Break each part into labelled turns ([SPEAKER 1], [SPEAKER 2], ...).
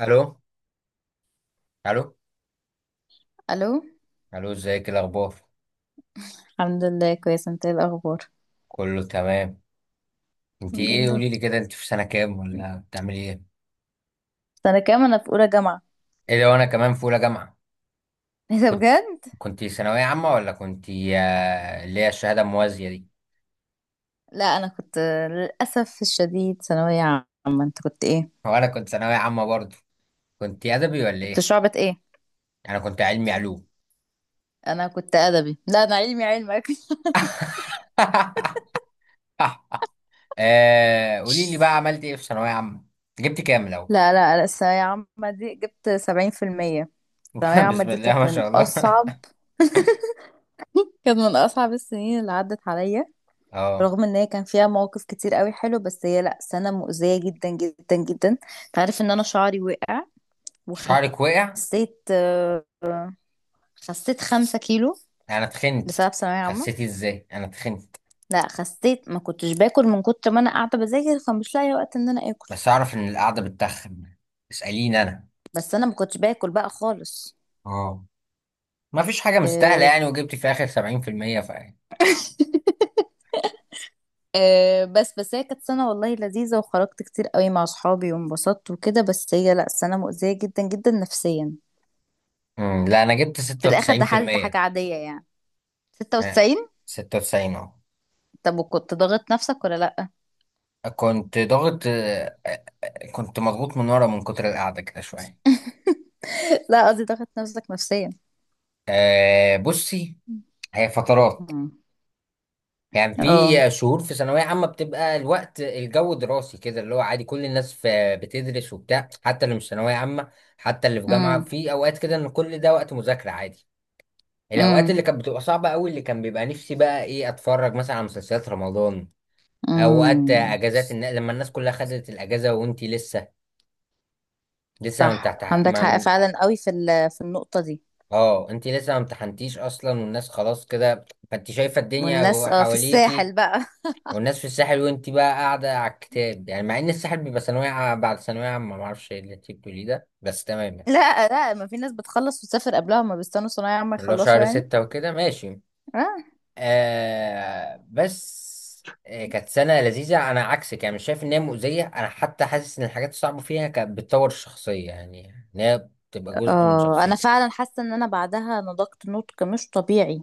[SPEAKER 1] الو، الو،
[SPEAKER 2] الو.
[SPEAKER 1] الو. ازيك؟ إيه الاخبار؟
[SPEAKER 2] الحمد لله، كويسة. انت ايه الاخبار؟
[SPEAKER 1] كله تمام. انت
[SPEAKER 2] الحمد
[SPEAKER 1] ايه،
[SPEAKER 2] لله.
[SPEAKER 1] قولي لي كده، انت في سنه كام ولا بتعملي ايه؟
[SPEAKER 2] سنة كام؟ انا في اولى جامعة.
[SPEAKER 1] ايه لو انا كمان في اولى جامعه.
[SPEAKER 2] ايه ده
[SPEAKER 1] كنت
[SPEAKER 2] بجد؟
[SPEAKER 1] كنت ثانويه عامه ولا كنت اللي هي الشهاده الموازيه دي؟
[SPEAKER 2] لا انا كنت، للاسف الشديد، ثانوية عامة. انت كنت ايه؟
[SPEAKER 1] هو انا كنت ثانويه عامه برضه. كنت ادبي ولا
[SPEAKER 2] كنت
[SPEAKER 1] ايه؟
[SPEAKER 2] شعبة ايه؟
[SPEAKER 1] انا كنت علمي علوم.
[SPEAKER 2] انا كنت ادبي، لا انا علمي علمك.
[SPEAKER 1] قولي لي بقى، عملت ايه في ثانويه عامه؟ جبت كام لو؟
[SPEAKER 2] لا لا لا، الثانوية عامة دي جبت 70%. الثانوية عامة
[SPEAKER 1] بسم
[SPEAKER 2] دي
[SPEAKER 1] الله
[SPEAKER 2] كانت
[SPEAKER 1] ما
[SPEAKER 2] من
[SPEAKER 1] شاء الله.
[SPEAKER 2] أصعب، كانت من أصعب السنين اللي عدت عليا،
[SPEAKER 1] اه.
[SPEAKER 2] رغم ان هي كان فيها مواقف كتير قوي حلو، بس هي لا سنة مؤذية جدا جدا جدا. تعرف ان انا شعري وقع؟
[SPEAKER 1] شعرك وقع؟
[SPEAKER 2] خسيت آه، خسيت 5 كيلو
[SPEAKER 1] انا اتخنت.
[SPEAKER 2] بسبب ثانوية عامة.
[SPEAKER 1] خسيتي ازاي؟ انا اتخنت.
[SPEAKER 2] لا خسيت، ما كنتش باكل من كتر ما انا قاعدة بذاكر، فمش لاقية وقت ان انا اكل.
[SPEAKER 1] بس اعرف ان القعده بتتخن، اساليني انا.
[SPEAKER 2] بس انا ما كنتش باكل بقى خالص.
[SPEAKER 1] اه، ما فيش حاجه مستاهله
[SPEAKER 2] أه
[SPEAKER 1] يعني، وجبت في اخر 70% ف
[SPEAKER 2] أه بس بس هي كانت سنة والله لذيذة، وخرجت كتير قوي مع صحابي وانبسطت وكده، بس هي لا سنة مؤذية جدا جدا نفسيا.
[SPEAKER 1] لا انا جبت
[SPEAKER 2] في الاخر دخلت حاجة
[SPEAKER 1] 96%.
[SPEAKER 2] عادية يعني.
[SPEAKER 1] ها؟
[SPEAKER 2] 96؟
[SPEAKER 1] 96، اه.
[SPEAKER 2] طب وكنت ضاغط نفسك ولا لا؟
[SPEAKER 1] كنت ضاغط آه، آه، آه، كنت مضغوط من كتر القعده كده شويه.
[SPEAKER 2] لا قصدي ضاغط نفسك نفسيا.
[SPEAKER 1] بصي، هي فترات،
[SPEAKER 2] مم.
[SPEAKER 1] يعني
[SPEAKER 2] اه.
[SPEAKER 1] في شهور في ثانويه عامه بتبقى الوقت، الجو دراسي كده، اللي هو عادي كل الناس بتدرس وبتاع، حتى اللي مش ثانويه عامه، حتى اللي في جامعه،
[SPEAKER 2] امم.
[SPEAKER 1] في اوقات كده ان كل ده وقت مذاكره عادي. الاوقات اللي كانت بتبقى صعبه قوي، اللي كان بيبقى نفسي بقى ايه اتفرج مثلا على مسلسلات رمضان، اوقات
[SPEAKER 2] امم.
[SPEAKER 1] اجازات لما الناس كلها خدت الاجازه وانتي لسه ما
[SPEAKER 2] صح،
[SPEAKER 1] بتاعت
[SPEAKER 2] عندك
[SPEAKER 1] ما
[SPEAKER 2] حق
[SPEAKER 1] من...
[SPEAKER 2] فعلا قوي في في النقطة دي.
[SPEAKER 1] اه انتي لسه ما امتحنتيش اصلا، والناس خلاص كده، فانت شايفه الدنيا
[SPEAKER 2] والناس اه في
[SPEAKER 1] حواليكي.
[SPEAKER 2] الساحل بقى.
[SPEAKER 1] والناس في الساحل وانتي بقى قاعده على الكتاب، يعني مع ان الساحل بيبقى بعد ثانويه عامه، ما اعرفش إيه اللي انتي بتقوليه ده، بس تمام يعني.
[SPEAKER 2] لا لا، ما في ناس بتخلص وتسافر قبلها، ما بيستنوا صنايعي عم
[SPEAKER 1] اللي هو
[SPEAKER 2] يخلصوا
[SPEAKER 1] شهر
[SPEAKER 2] يعني.
[SPEAKER 1] ستة وكده ماشي.
[SPEAKER 2] اه.
[SPEAKER 1] بس كانت سنة لذيذة. أنا عكسك يعني، مش شايف إن هي مؤذية، أنا حتى حاسس إن الحاجات الصعبة فيها كانت بتطور الشخصية، يعني إن هي بتبقى جزء من
[SPEAKER 2] انا
[SPEAKER 1] شخصيتك.
[SPEAKER 2] فعلا حاسة ان انا بعدها نضجت نضج مش طبيعي.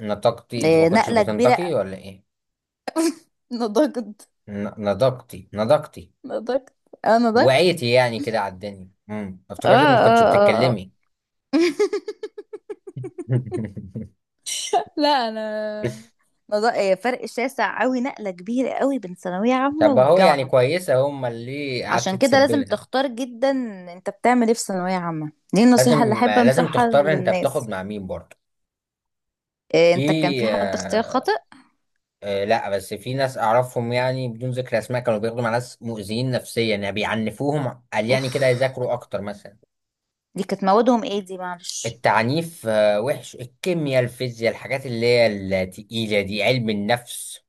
[SPEAKER 1] نطقتي؟ أنت ما
[SPEAKER 2] إيه،
[SPEAKER 1] كنتش
[SPEAKER 2] نقلة كبيرة.
[SPEAKER 1] بتنطقي ولا إيه؟
[SPEAKER 2] نضجت،
[SPEAKER 1] نضجتي.
[SPEAKER 2] نضجت. اه، نضجت.
[SPEAKER 1] وعيتي يعني كده على الدنيا.
[SPEAKER 2] اه
[SPEAKER 1] افتكرتك ما كنتش
[SPEAKER 2] اه اه، آه.
[SPEAKER 1] بتتكلمي.
[SPEAKER 2] لا انا إيه، فرق شاسع قوي، نقلة كبيرة قوي بين ثانوية عامة
[SPEAKER 1] طب أهو يعني
[SPEAKER 2] والجامعة.
[SPEAKER 1] كويسة هما اللي قعدت
[SPEAKER 2] عشان كده لازم
[SPEAKER 1] تسبلها.
[SPEAKER 2] تختار جدا. انت بتعمل ايه في ثانوية عامة دي النصيحة اللي
[SPEAKER 1] لازم
[SPEAKER 2] احب
[SPEAKER 1] لازم
[SPEAKER 2] انصحها
[SPEAKER 1] تختار، أنت بتاخد
[SPEAKER 2] للناس.
[SPEAKER 1] مع مين برضه.
[SPEAKER 2] إيه،
[SPEAKER 1] في.
[SPEAKER 2] انت كان في حد اختيار
[SPEAKER 1] آه،
[SPEAKER 2] خاطئ؟
[SPEAKER 1] لا، بس في ناس اعرفهم يعني بدون ذكر اسماء كانوا بياخدوا مع ناس مؤذيين نفسيا، يعني بيعنفوهم، قال يعني
[SPEAKER 2] اوف.
[SPEAKER 1] كده يذاكروا اكتر مثلا.
[SPEAKER 2] دي كانت موادهم ايه دي؟ معلش.
[SPEAKER 1] التعنيف وحش، الكيمياء، الفيزياء، الحاجات اللي هي التقيلة دي، علم النفس.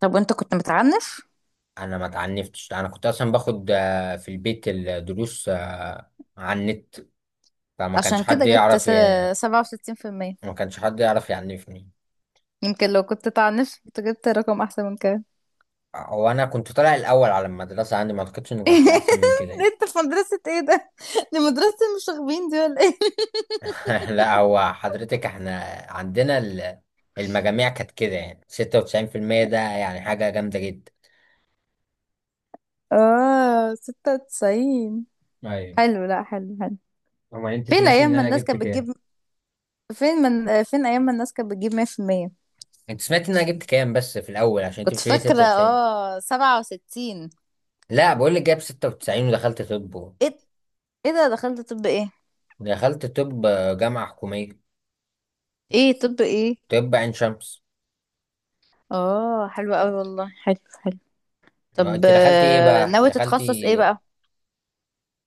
[SPEAKER 2] طب وانت كنت متعنف؟
[SPEAKER 1] انا ما اتعنفتش، انا كنت اصلا باخد في البيت الدروس على النت، فما كانش
[SPEAKER 2] عشان
[SPEAKER 1] حد
[SPEAKER 2] كده جبت
[SPEAKER 1] يعرف
[SPEAKER 2] 67%.
[SPEAKER 1] ما كانش حد يعرف يعنفني.
[SPEAKER 2] يمكن لو كنت تعنف كنت جبت رقم احسن من كده.
[SPEAKER 1] وانا كنت طالع الاول على المدرسة عندي، ما اعتقدش ان كان في احسن من كده يعني.
[SPEAKER 2] انت في مدرسة ايه ده؟ دي مدرسة المشاغبين دي ولا ايه؟
[SPEAKER 1] لا هو حضرتك، احنا عندنا المجاميع كانت كده يعني، 96% ده يعني حاجة جامدة جدا.
[SPEAKER 2] اه، 96.
[SPEAKER 1] ايوه.
[SPEAKER 2] حلو، لا حلو، حلو.
[SPEAKER 1] اما انت
[SPEAKER 2] فين
[SPEAKER 1] سمعتي
[SPEAKER 2] ايام
[SPEAKER 1] ان
[SPEAKER 2] ما
[SPEAKER 1] انا
[SPEAKER 2] الناس
[SPEAKER 1] جبت
[SPEAKER 2] كانت
[SPEAKER 1] كام؟
[SPEAKER 2] بتجيب، فين من فين ايام ما الناس كانت بتجيب 100%؟
[SPEAKER 1] انت سمعت ان انا جبت كام بس في الاول، عشان انت
[SPEAKER 2] كنت
[SPEAKER 1] بتقولي
[SPEAKER 2] فاكرة
[SPEAKER 1] 96.
[SPEAKER 2] اه 67.
[SPEAKER 1] لا بقول لك جايب 96 ودخلت طب.
[SPEAKER 2] ايه؟ ايه ده، دخلت طب ايه؟
[SPEAKER 1] دخلت طب، جامعة حكومية.
[SPEAKER 2] ايه طب ايه؟
[SPEAKER 1] طب عين شمس.
[SPEAKER 2] اه حلو قوي والله، حلو. حلو. طب
[SPEAKER 1] انت دخلتي ايه بقى؟
[SPEAKER 2] ناوي
[SPEAKER 1] دخلتي؟
[SPEAKER 2] تتخصص ايه بقى؟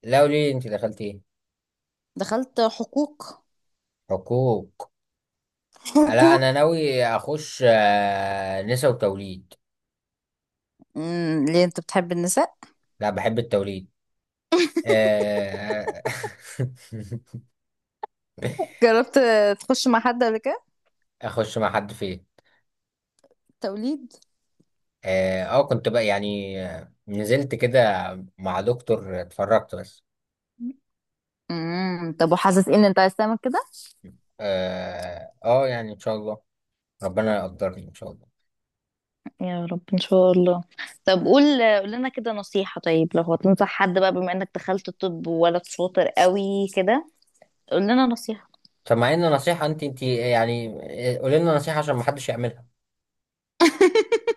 [SPEAKER 1] لا قولي لي انت دخلتي ايه.
[SPEAKER 2] دخلت حقوق.
[SPEAKER 1] حقوق. لا
[SPEAKER 2] حقوق.
[SPEAKER 1] انا ناوي اخش نسا وتوليد.
[SPEAKER 2] امم، ليه انت بتحب النساء؟
[SPEAKER 1] لا بحب التوليد. آه،
[SPEAKER 2] جربت تخش مع حد قبل كده؟
[SPEAKER 1] اخش مع حد فين؟
[SPEAKER 2] توليد.
[SPEAKER 1] اه كنت بقى يعني نزلت كده مع دكتور، اتفرجت بس.
[SPEAKER 2] امم، طب وحاسس إيه ان انت عايز تعمل كده؟
[SPEAKER 1] اه يعني ان شاء الله، ربنا يقدرني ان شاء الله.
[SPEAKER 2] يا رب ان شاء الله. طب قول، قول لنا كده نصيحة. طيب لو هتنصح حد بقى بما انك دخلت الطب وولد شاطر قوي كده، قول لنا نصيحة.
[SPEAKER 1] طب مع ان نصيحة، انت يعني. قولي لنا نصيحة عشان ما حدش يعملها.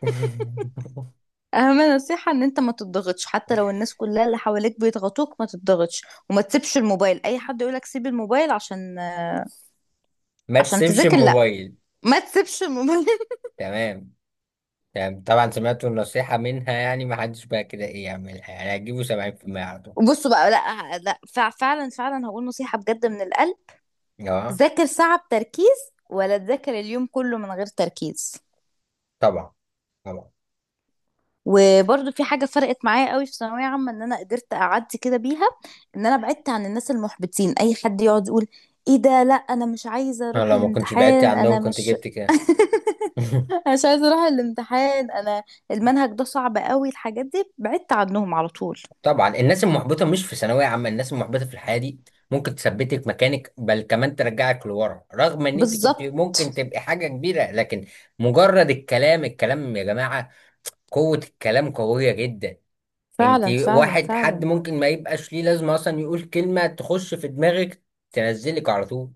[SPEAKER 2] اهم نصيحة ان انت ما تضغطش، حتى لو الناس كلها اللي حواليك بيضغطوك ما تضغطش. وما تسيبش الموبايل، اي حد يقولك سيب الموبايل عشان،
[SPEAKER 1] ما
[SPEAKER 2] عشان
[SPEAKER 1] تسيبش
[SPEAKER 2] تذاكر، لا،
[SPEAKER 1] الموبايل.
[SPEAKER 2] ما تسيبش الموبايل.
[SPEAKER 1] تمام، تمام طبعا، سمعت النصيحة منها، يعني ما حدش بقى كده ايه يعملها، يعني هتجيبوا 70% على طول.
[SPEAKER 2] وبصوا بقى، لا لا، فعلا فعلا، هقول نصيحة بجد من القلب.
[SPEAKER 1] اه
[SPEAKER 2] ذاكر ساعة بتركيز ولا تذاكر اليوم كله من غير تركيز.
[SPEAKER 1] طبعا، طبعا.
[SPEAKER 2] وبرضو في حاجة فرقت معايا قوي في ثانوية عامة ان انا قدرت اعدي كده بيها، ان انا بعدت عن الناس المحبطين. اي حد يقعد يقول ايه ده، لا انا مش عايزة
[SPEAKER 1] انا
[SPEAKER 2] اروح
[SPEAKER 1] لو ما كنتش بعدتي
[SPEAKER 2] الامتحان،
[SPEAKER 1] عنهم
[SPEAKER 2] انا
[SPEAKER 1] كنت
[SPEAKER 2] مش،
[SPEAKER 1] جبت كده. مهم.
[SPEAKER 2] أنا مش عايزة اروح الامتحان، انا المنهج ده صعب قوي، الحاجات دي بعدت عنهم على طول.
[SPEAKER 1] طبعا الناس المحبطه مش في ثانويه عامه، الناس المحبطه في الحياه دي ممكن تثبتك مكانك، بل كمان ترجعك لورا، رغم ان انت كنت
[SPEAKER 2] بالظبط.
[SPEAKER 1] ممكن تبقي حاجه كبيره. لكن مجرد الكلام، الكلام يا جماعه، قوه الكلام قويه جدا. انت
[SPEAKER 2] فعلا فعلا
[SPEAKER 1] واحد حد
[SPEAKER 2] فعلا.
[SPEAKER 1] ممكن ما يبقاش ليه لازمه اصلا، يقول كلمه تخش في دماغك تنزلك على طول.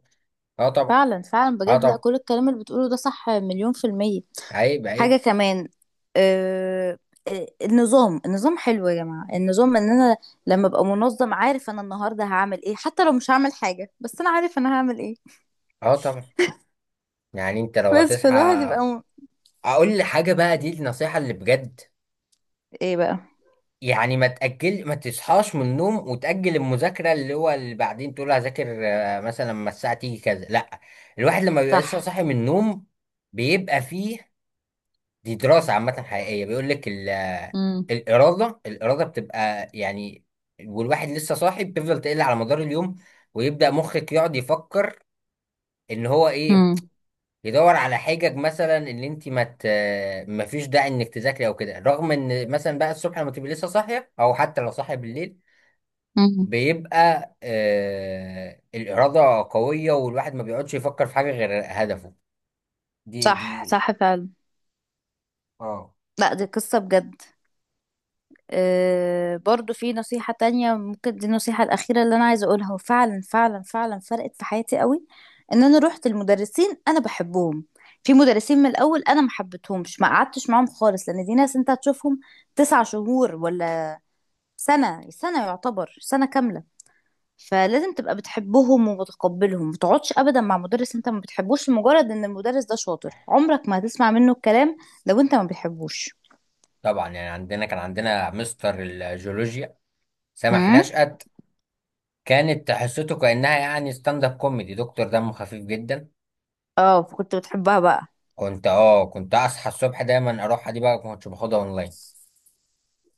[SPEAKER 1] اه طبعا.
[SPEAKER 2] فعلا فعلا
[SPEAKER 1] اه
[SPEAKER 2] بجد، لا
[SPEAKER 1] طبعا.
[SPEAKER 2] كل الكلام اللي بتقوله ده صح مليون%.
[SPEAKER 1] عيب، عيب.
[SPEAKER 2] حاجة كمان، آه، النظام، النظام حلو يا جماعة. النظام ان انا لما ابقى منظم عارف انا النهاردة هعمل ايه، حتى لو مش هعمل حاجة بس انا عارف انا هعمل ايه.
[SPEAKER 1] اه طبعا. يعني انت لو
[SPEAKER 2] بس
[SPEAKER 1] هتصحى، اقول لحاجه بقى دي النصيحه اللي بجد،
[SPEAKER 2] ايه بقى؟
[SPEAKER 1] يعني ما تأجل، ما تصحاش من النوم وتأجل المذاكرة، اللي هو اللي بعدين تقول هذاكر مثلا لما الساعة تيجي كذا. لا، الواحد لما بيبقى لسه
[SPEAKER 2] صح.
[SPEAKER 1] صاحي من النوم بيبقى فيه، دي دراسة عامة حقيقية، بيقول لك
[SPEAKER 2] امم.
[SPEAKER 1] الإرادة بتبقى يعني، والواحد لسه صاحي بتفضل تقل على مدار اليوم، ويبدأ مخك يقعد يفكر إن هو إيه،
[SPEAKER 2] امم.
[SPEAKER 1] يدور على حجج مثلا ان انت ما فيش داعي انك تذاكري او كده، رغم ان مثلا بقى الصبح لما تبقي لسه صاحيه، او حتى لو صاحيه بالليل، بيبقى الإرادة قوية، والواحد ما بيقعدش يفكر في حاجة غير هدفه. دي
[SPEAKER 2] صح
[SPEAKER 1] دي.
[SPEAKER 2] صح فعلا.
[SPEAKER 1] اه
[SPEAKER 2] لا دي قصة بجد. برضو في نصيحة تانية، ممكن دي النصيحة الأخيرة اللي أنا عايزة أقولها، وفعلا فعلا فعلا فرقت في حياتي قوي. إن أنا روحت المدرسين أنا بحبهم. في مدرسين من الأول أنا ما حبيتهمش، ما قعدتش معاهم خالص، لأن دي ناس أنت هتشوفهم 9 شهور ولا سنة، سنة يعتبر سنة كاملة. فلازم تبقى بتحبهم ومتقبلهم. ما تقعدش أبدا مع مدرس أنت ما بتحبوش لمجرد إن المدرس ده شاطر، عمرك ما هتسمع منه الكلام لو أنت ما بتحبوش.
[SPEAKER 1] طبعا. يعني عندنا، كان عندنا مستر الجيولوجيا سامح
[SPEAKER 2] هم؟
[SPEAKER 1] نشأت، كانت حصته كأنها يعني ستاند اب كوميدي، دكتور دمه خفيف جدا.
[SPEAKER 2] اه كنت بتحبها بقى؟
[SPEAKER 1] كنت اصحى الصبح دايما اروح، دي بقى كنت باخدها اونلاين،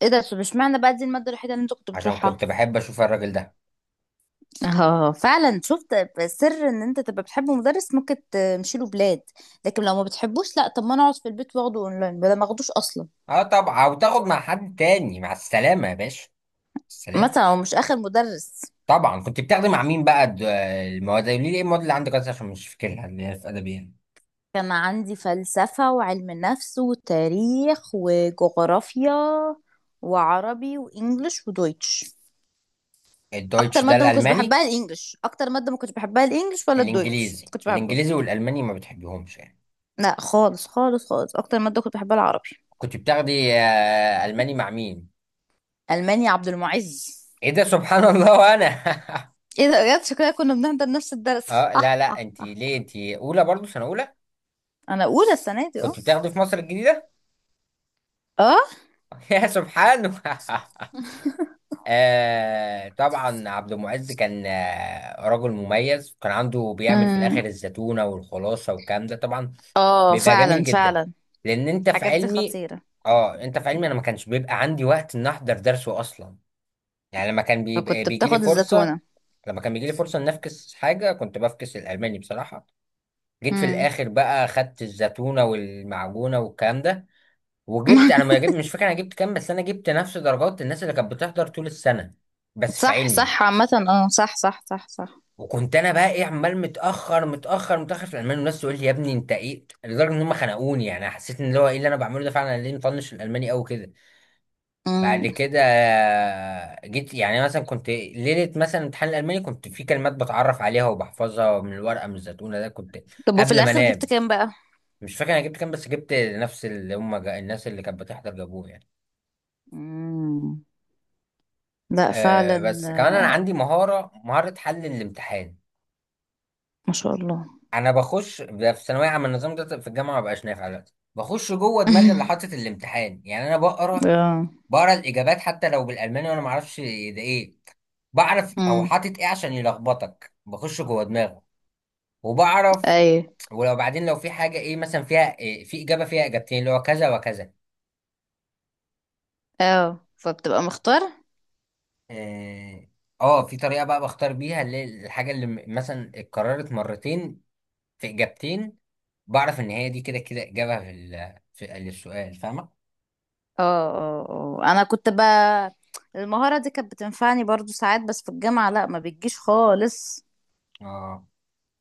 [SPEAKER 2] ايه ده، طب اشمعنى بقى دي المادة الوحيدة اللي انت كنت
[SPEAKER 1] عشان
[SPEAKER 2] بتروحها؟
[SPEAKER 1] كنت بحب اشوف الراجل ده.
[SPEAKER 2] اه، فعلا. شفت، سر ان انت تبقى بتحب مدرس ممكن تمشي له بلاد، لكن لو ما بتحبوش لا. طب ما انا اقعد في البيت واخده اونلاين بدل ما اخدوش اصلا.
[SPEAKER 1] اه طبعا، وتاخد مع حد تاني. مع السلامة يا باشا، السلامة.
[SPEAKER 2] مثلا هو مش اخر مدرس.
[SPEAKER 1] طبعا كنت بتاخدي مع مين بقى المواد، قولي لي ايه المواد اللي عندك اصلا، عشان مش فاكرها، اللي هي في ادبي يعني.
[SPEAKER 2] كان عندي فلسفة وعلم نفس وتاريخ وجغرافيا وعربي وانجليش ودويتش. اكتر
[SPEAKER 1] الدويتش ده
[SPEAKER 2] مادة ما كنتش
[SPEAKER 1] الالماني.
[SPEAKER 2] بحبها الانجليش، اكتر مادة ما كنتش بحبها الانجليش ولا الدويتش ما
[SPEAKER 1] الانجليزي
[SPEAKER 2] كنتش بحبها.
[SPEAKER 1] الانجليزي والالماني ما بتحبهمش يعني.
[SPEAKER 2] لا خالص خالص خالص، اكتر مادة كنت بحبها العربي.
[SPEAKER 1] كنت بتاخدي الماني مع مين؟
[SPEAKER 2] المانيا عبد المعز.
[SPEAKER 1] ايه ده، سبحان الله، وانا.
[SPEAKER 2] ايه ده بجد، شكلها كنا بنحضر نفس الدرس.
[SPEAKER 1] اه لا لا، انت ليه انت اولى برضو، سنه اولى؟
[SPEAKER 2] انا اولى السنه دي اه.
[SPEAKER 1] كنت بتاخدي في مصر الجديده؟
[SPEAKER 2] اه.
[SPEAKER 1] يا سبحانه. طبعا عبد المعز كان رجل مميز، كان عنده بيعمل في
[SPEAKER 2] امم.
[SPEAKER 1] الاخر الزيتونه والخلاصه والكلام ده طبعا،
[SPEAKER 2] اه
[SPEAKER 1] بيبقى
[SPEAKER 2] فعلا
[SPEAKER 1] جميل جدا.
[SPEAKER 2] فعلا.
[SPEAKER 1] لان انت في
[SPEAKER 2] الحاجات دي
[SPEAKER 1] علمي.
[SPEAKER 2] خطيره.
[SPEAKER 1] اه انت في علمي، انا ما كانش بيبقى عندي وقت ان احضر درسه اصلا، يعني لما كان بيبقى
[SPEAKER 2] فكنت
[SPEAKER 1] بيجي لي
[SPEAKER 2] بتاخد
[SPEAKER 1] فرصه،
[SPEAKER 2] الزتونه.
[SPEAKER 1] لما كان بيجي لي فرصه ان افكس حاجه، كنت بفكس الالماني بصراحه. جيت في
[SPEAKER 2] امم.
[SPEAKER 1] الاخر بقى، خدت الزتونه والمعجونه والكلام ده، وجبت، انا ما جبت، مش فاكر انا جبت كام، بس انا جبت نفس درجات الناس اللي كانت بتحضر طول السنه، بس في
[SPEAKER 2] صح
[SPEAKER 1] علمي.
[SPEAKER 2] صح عامه، اه صح صح صح صح.
[SPEAKER 1] وكنت انا بقى ايه، عمال متاخر متاخر متاخر في الالماني، والناس تقول لي يا ابني انت ايه، لدرجه ان هم خنقوني يعني. حسيت ان اللي هو ايه اللي انا بعمله ده فعلا، أنا ليه مطنش الالماني قوي كده. بعد
[SPEAKER 2] امم،
[SPEAKER 1] كده جيت يعني مثلا، كنت ليله مثلا امتحان الالماني، كنت في كلمات بتعرف عليها وبحفظها من الورقه، من الزتونه ده، كنت
[SPEAKER 2] طب وفي
[SPEAKER 1] قبل ما
[SPEAKER 2] الاخر جبت
[SPEAKER 1] انام.
[SPEAKER 2] كام بقى؟
[SPEAKER 1] مش فاكر انا جبت كام، بس جبت نفس اللي هم الناس اللي كانت بتحضر جابوه يعني.
[SPEAKER 2] امم، لا
[SPEAKER 1] أه
[SPEAKER 2] فعلا.
[SPEAKER 1] بس كمان انا عندي مهاره حل الامتحان.
[SPEAKER 2] ما شاء الله.
[SPEAKER 1] انا بخش ده في ثانويه عامه، النظام ده في الجامعه ما بقاش نافع دلوقتي. بخش جوه دماغي اللي حاطط الامتحان، يعني انا بقرا
[SPEAKER 2] اه.
[SPEAKER 1] بقرا الاجابات حتى لو بالالماني وانا ما اعرفش ده ايه، بعرف هو
[SPEAKER 2] امم.
[SPEAKER 1] حاطط ايه عشان يلخبطك، بخش جوه دماغه وبعرف.
[SPEAKER 2] ايوه.
[SPEAKER 1] ولو بعدين لو في حاجه ايه مثلا، فيها إيه، في اجابه فيها اجابتين اللي هو كذا وكذا.
[SPEAKER 2] اه فبتبقى مختار.
[SPEAKER 1] اه في طريقه بقى بختار بيها، اللي الحاجه اللي مثلا اتكررت مرتين في اجابتين، بعرف ان هي دي كده كده اجابه في في السؤال، فاهمه.
[SPEAKER 2] اه. اه. اه انا كنت بقى، المهارة دي كانت بتنفعني برضو ساعات بس في الجامعة لا ما بتجيش خالص.
[SPEAKER 1] اه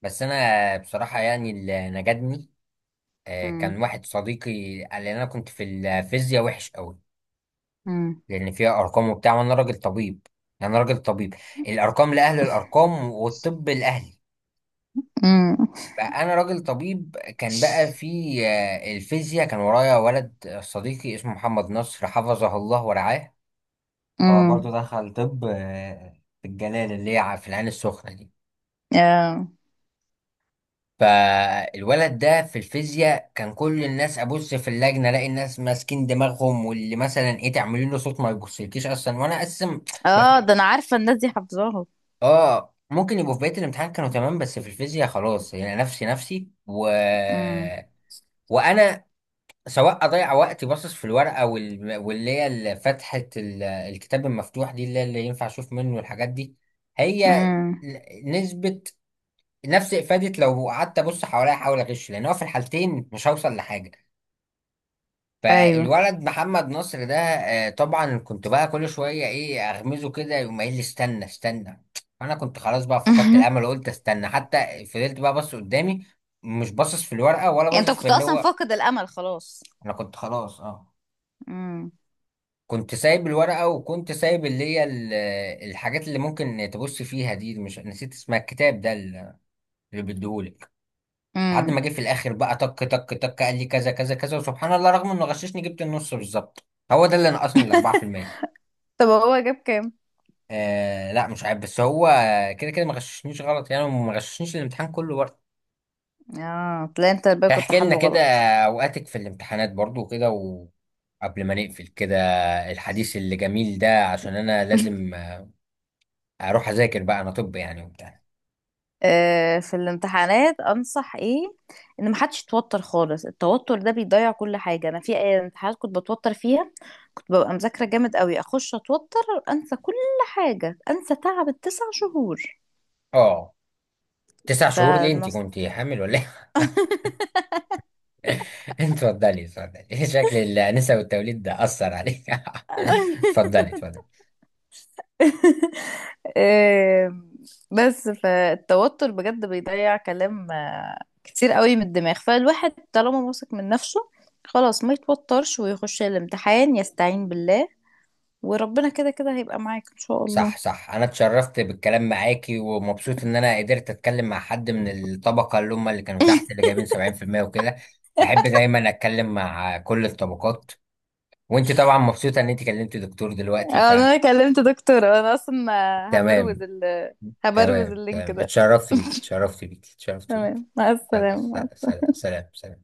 [SPEAKER 1] بس انا بصراحه يعني اللي نجدني، كان
[SPEAKER 2] امم.
[SPEAKER 1] واحد صديقي قال لي، انا كنت في الفيزياء وحش قوي،
[SPEAKER 2] امم.
[SPEAKER 1] لان فيها ارقام وبتاع، وانا راجل طبيب يعني، انا راجل طبيب. الارقام لاهل الارقام والطب لاهلي.
[SPEAKER 2] امم.
[SPEAKER 1] فانا راجل طبيب. كان بقى في الفيزياء، كان ورايا ولد صديقي اسمه محمد نصر، حفظه الله ورعاه، هو برضو
[SPEAKER 2] امم.
[SPEAKER 1] دخل طب في الجلال اللي هي في العين السخنه دي.
[SPEAKER 2] اه،
[SPEAKER 1] فالولد ده في الفيزياء، كان كل الناس، ابص في اللجنه الاقي الناس ماسكين دماغهم، واللي مثلا ايه تعملين له صوت ما يبصلكيش اصلا، وانا اقسم ما في.
[SPEAKER 2] ده انا عارفة الناس دي حافظاها.
[SPEAKER 1] اه ممكن يبقوا في بقيه الامتحان كانوا تمام، بس في الفيزياء خلاص، يعني نفسي، نفسي
[SPEAKER 2] امم.
[SPEAKER 1] وانا سواء اضيع وقتي باصص في الورقه واللي هي فتحه الكتاب المفتوح دي، اللي ينفع اشوف منه الحاجات دي، هي
[SPEAKER 2] امم.
[SPEAKER 1] نسبة نفس افادة لو قعدت ابص حواليا احاول اغش، لان هو في الحالتين مش هوصل لحاجه.
[SPEAKER 2] ايوه.
[SPEAKER 1] فالولد محمد نصر ده طبعا كنت بقى كل شويه ايه اغمزه كده، يقوم قايل لي استنى استنى. انا كنت خلاص بقى فقدت الامل، وقلت استنى، حتى فضلت بقى بص قدامي، مش باصص في الورقه ولا
[SPEAKER 2] انت
[SPEAKER 1] باصص في
[SPEAKER 2] كنت
[SPEAKER 1] اللي
[SPEAKER 2] اصلا
[SPEAKER 1] هو.
[SPEAKER 2] فاقد الامل خلاص.
[SPEAKER 1] انا كنت خلاص
[SPEAKER 2] امم.
[SPEAKER 1] كنت سايب الورقه، وكنت سايب اللي هي الحاجات اللي ممكن تبص فيها دي، مش نسيت اسمها، الكتاب ده اللي بيديهولي، لحد ما
[SPEAKER 2] امم.
[SPEAKER 1] جه في الاخر بقى تك تك تك، قال لي كذا كذا كذا، وسبحان الله رغم انه غششني جبت النص بالظبط. هو ده اللي نقصني ال 4%.
[SPEAKER 2] طب هو جاب كام؟
[SPEAKER 1] لا مش عارف، بس هو كده كده ما غششنيش غلط يعني، وما غششنيش الامتحان كله برضه.
[SPEAKER 2] اه تلاقي انت بقى كنت
[SPEAKER 1] احكي لنا
[SPEAKER 2] حله
[SPEAKER 1] كده
[SPEAKER 2] غلط.
[SPEAKER 1] اوقاتك في الامتحانات برضه وكده، وقبل ما نقفل كده الحديث اللي جميل ده، عشان انا لازم اروح اذاكر بقى، انا طب يعني وبتاع.
[SPEAKER 2] في الامتحانات انصح ايه؟ ان محدش يتوتر خالص، التوتر ده بيضيع كل حاجه. انا في امتحانات كنت بتوتر فيها، كنت ببقى مذاكره جامد قوي اخش اتوتر، انسى كل حاجه، انسى تعب الـ9 شهور.
[SPEAKER 1] اه، 9 شهور ليه؟ انت
[SPEAKER 2] فنص.
[SPEAKER 1] كنت حامل ولا ايه؟ اتفضلي، اتفضلي. شكل الأنسة والتوليد ده أثر عليك. اتفضلي اتفضلي.
[SPEAKER 2] آه، بس فالتوتر بجد بيضيع كلام كتير قوي من الدماغ. فالواحد طالما واثق من نفسه خلاص، ما يتوترش ويخش الامتحان يستعين بالله، وربنا كده كده هيبقى معاك ان شاء الله.
[SPEAKER 1] صح صح، أنا اتشرفت بالكلام معاكي، ومبسوط إن أنا قدرت أتكلم مع حد من الطبقة اللي هم اللي كانوا تحت، اللي جايبين 70% وكده. بحب دايما أتكلم مع كل الطبقات. وأنت طبعا مبسوطة إن أنت كلمت دكتور دلوقتي،
[SPEAKER 2] انا كلمت دكتور انا اصلا. هبروز
[SPEAKER 1] فتمام.
[SPEAKER 2] ال هبروز
[SPEAKER 1] تمام
[SPEAKER 2] اللينك
[SPEAKER 1] تمام،
[SPEAKER 2] ده.
[SPEAKER 1] اتشرفت بيكي، اتشرفت بيكي، اتشرفت بيكي.
[SPEAKER 2] تمام، مع
[SPEAKER 1] سلام.
[SPEAKER 2] السلامة.
[SPEAKER 1] سلام سلام.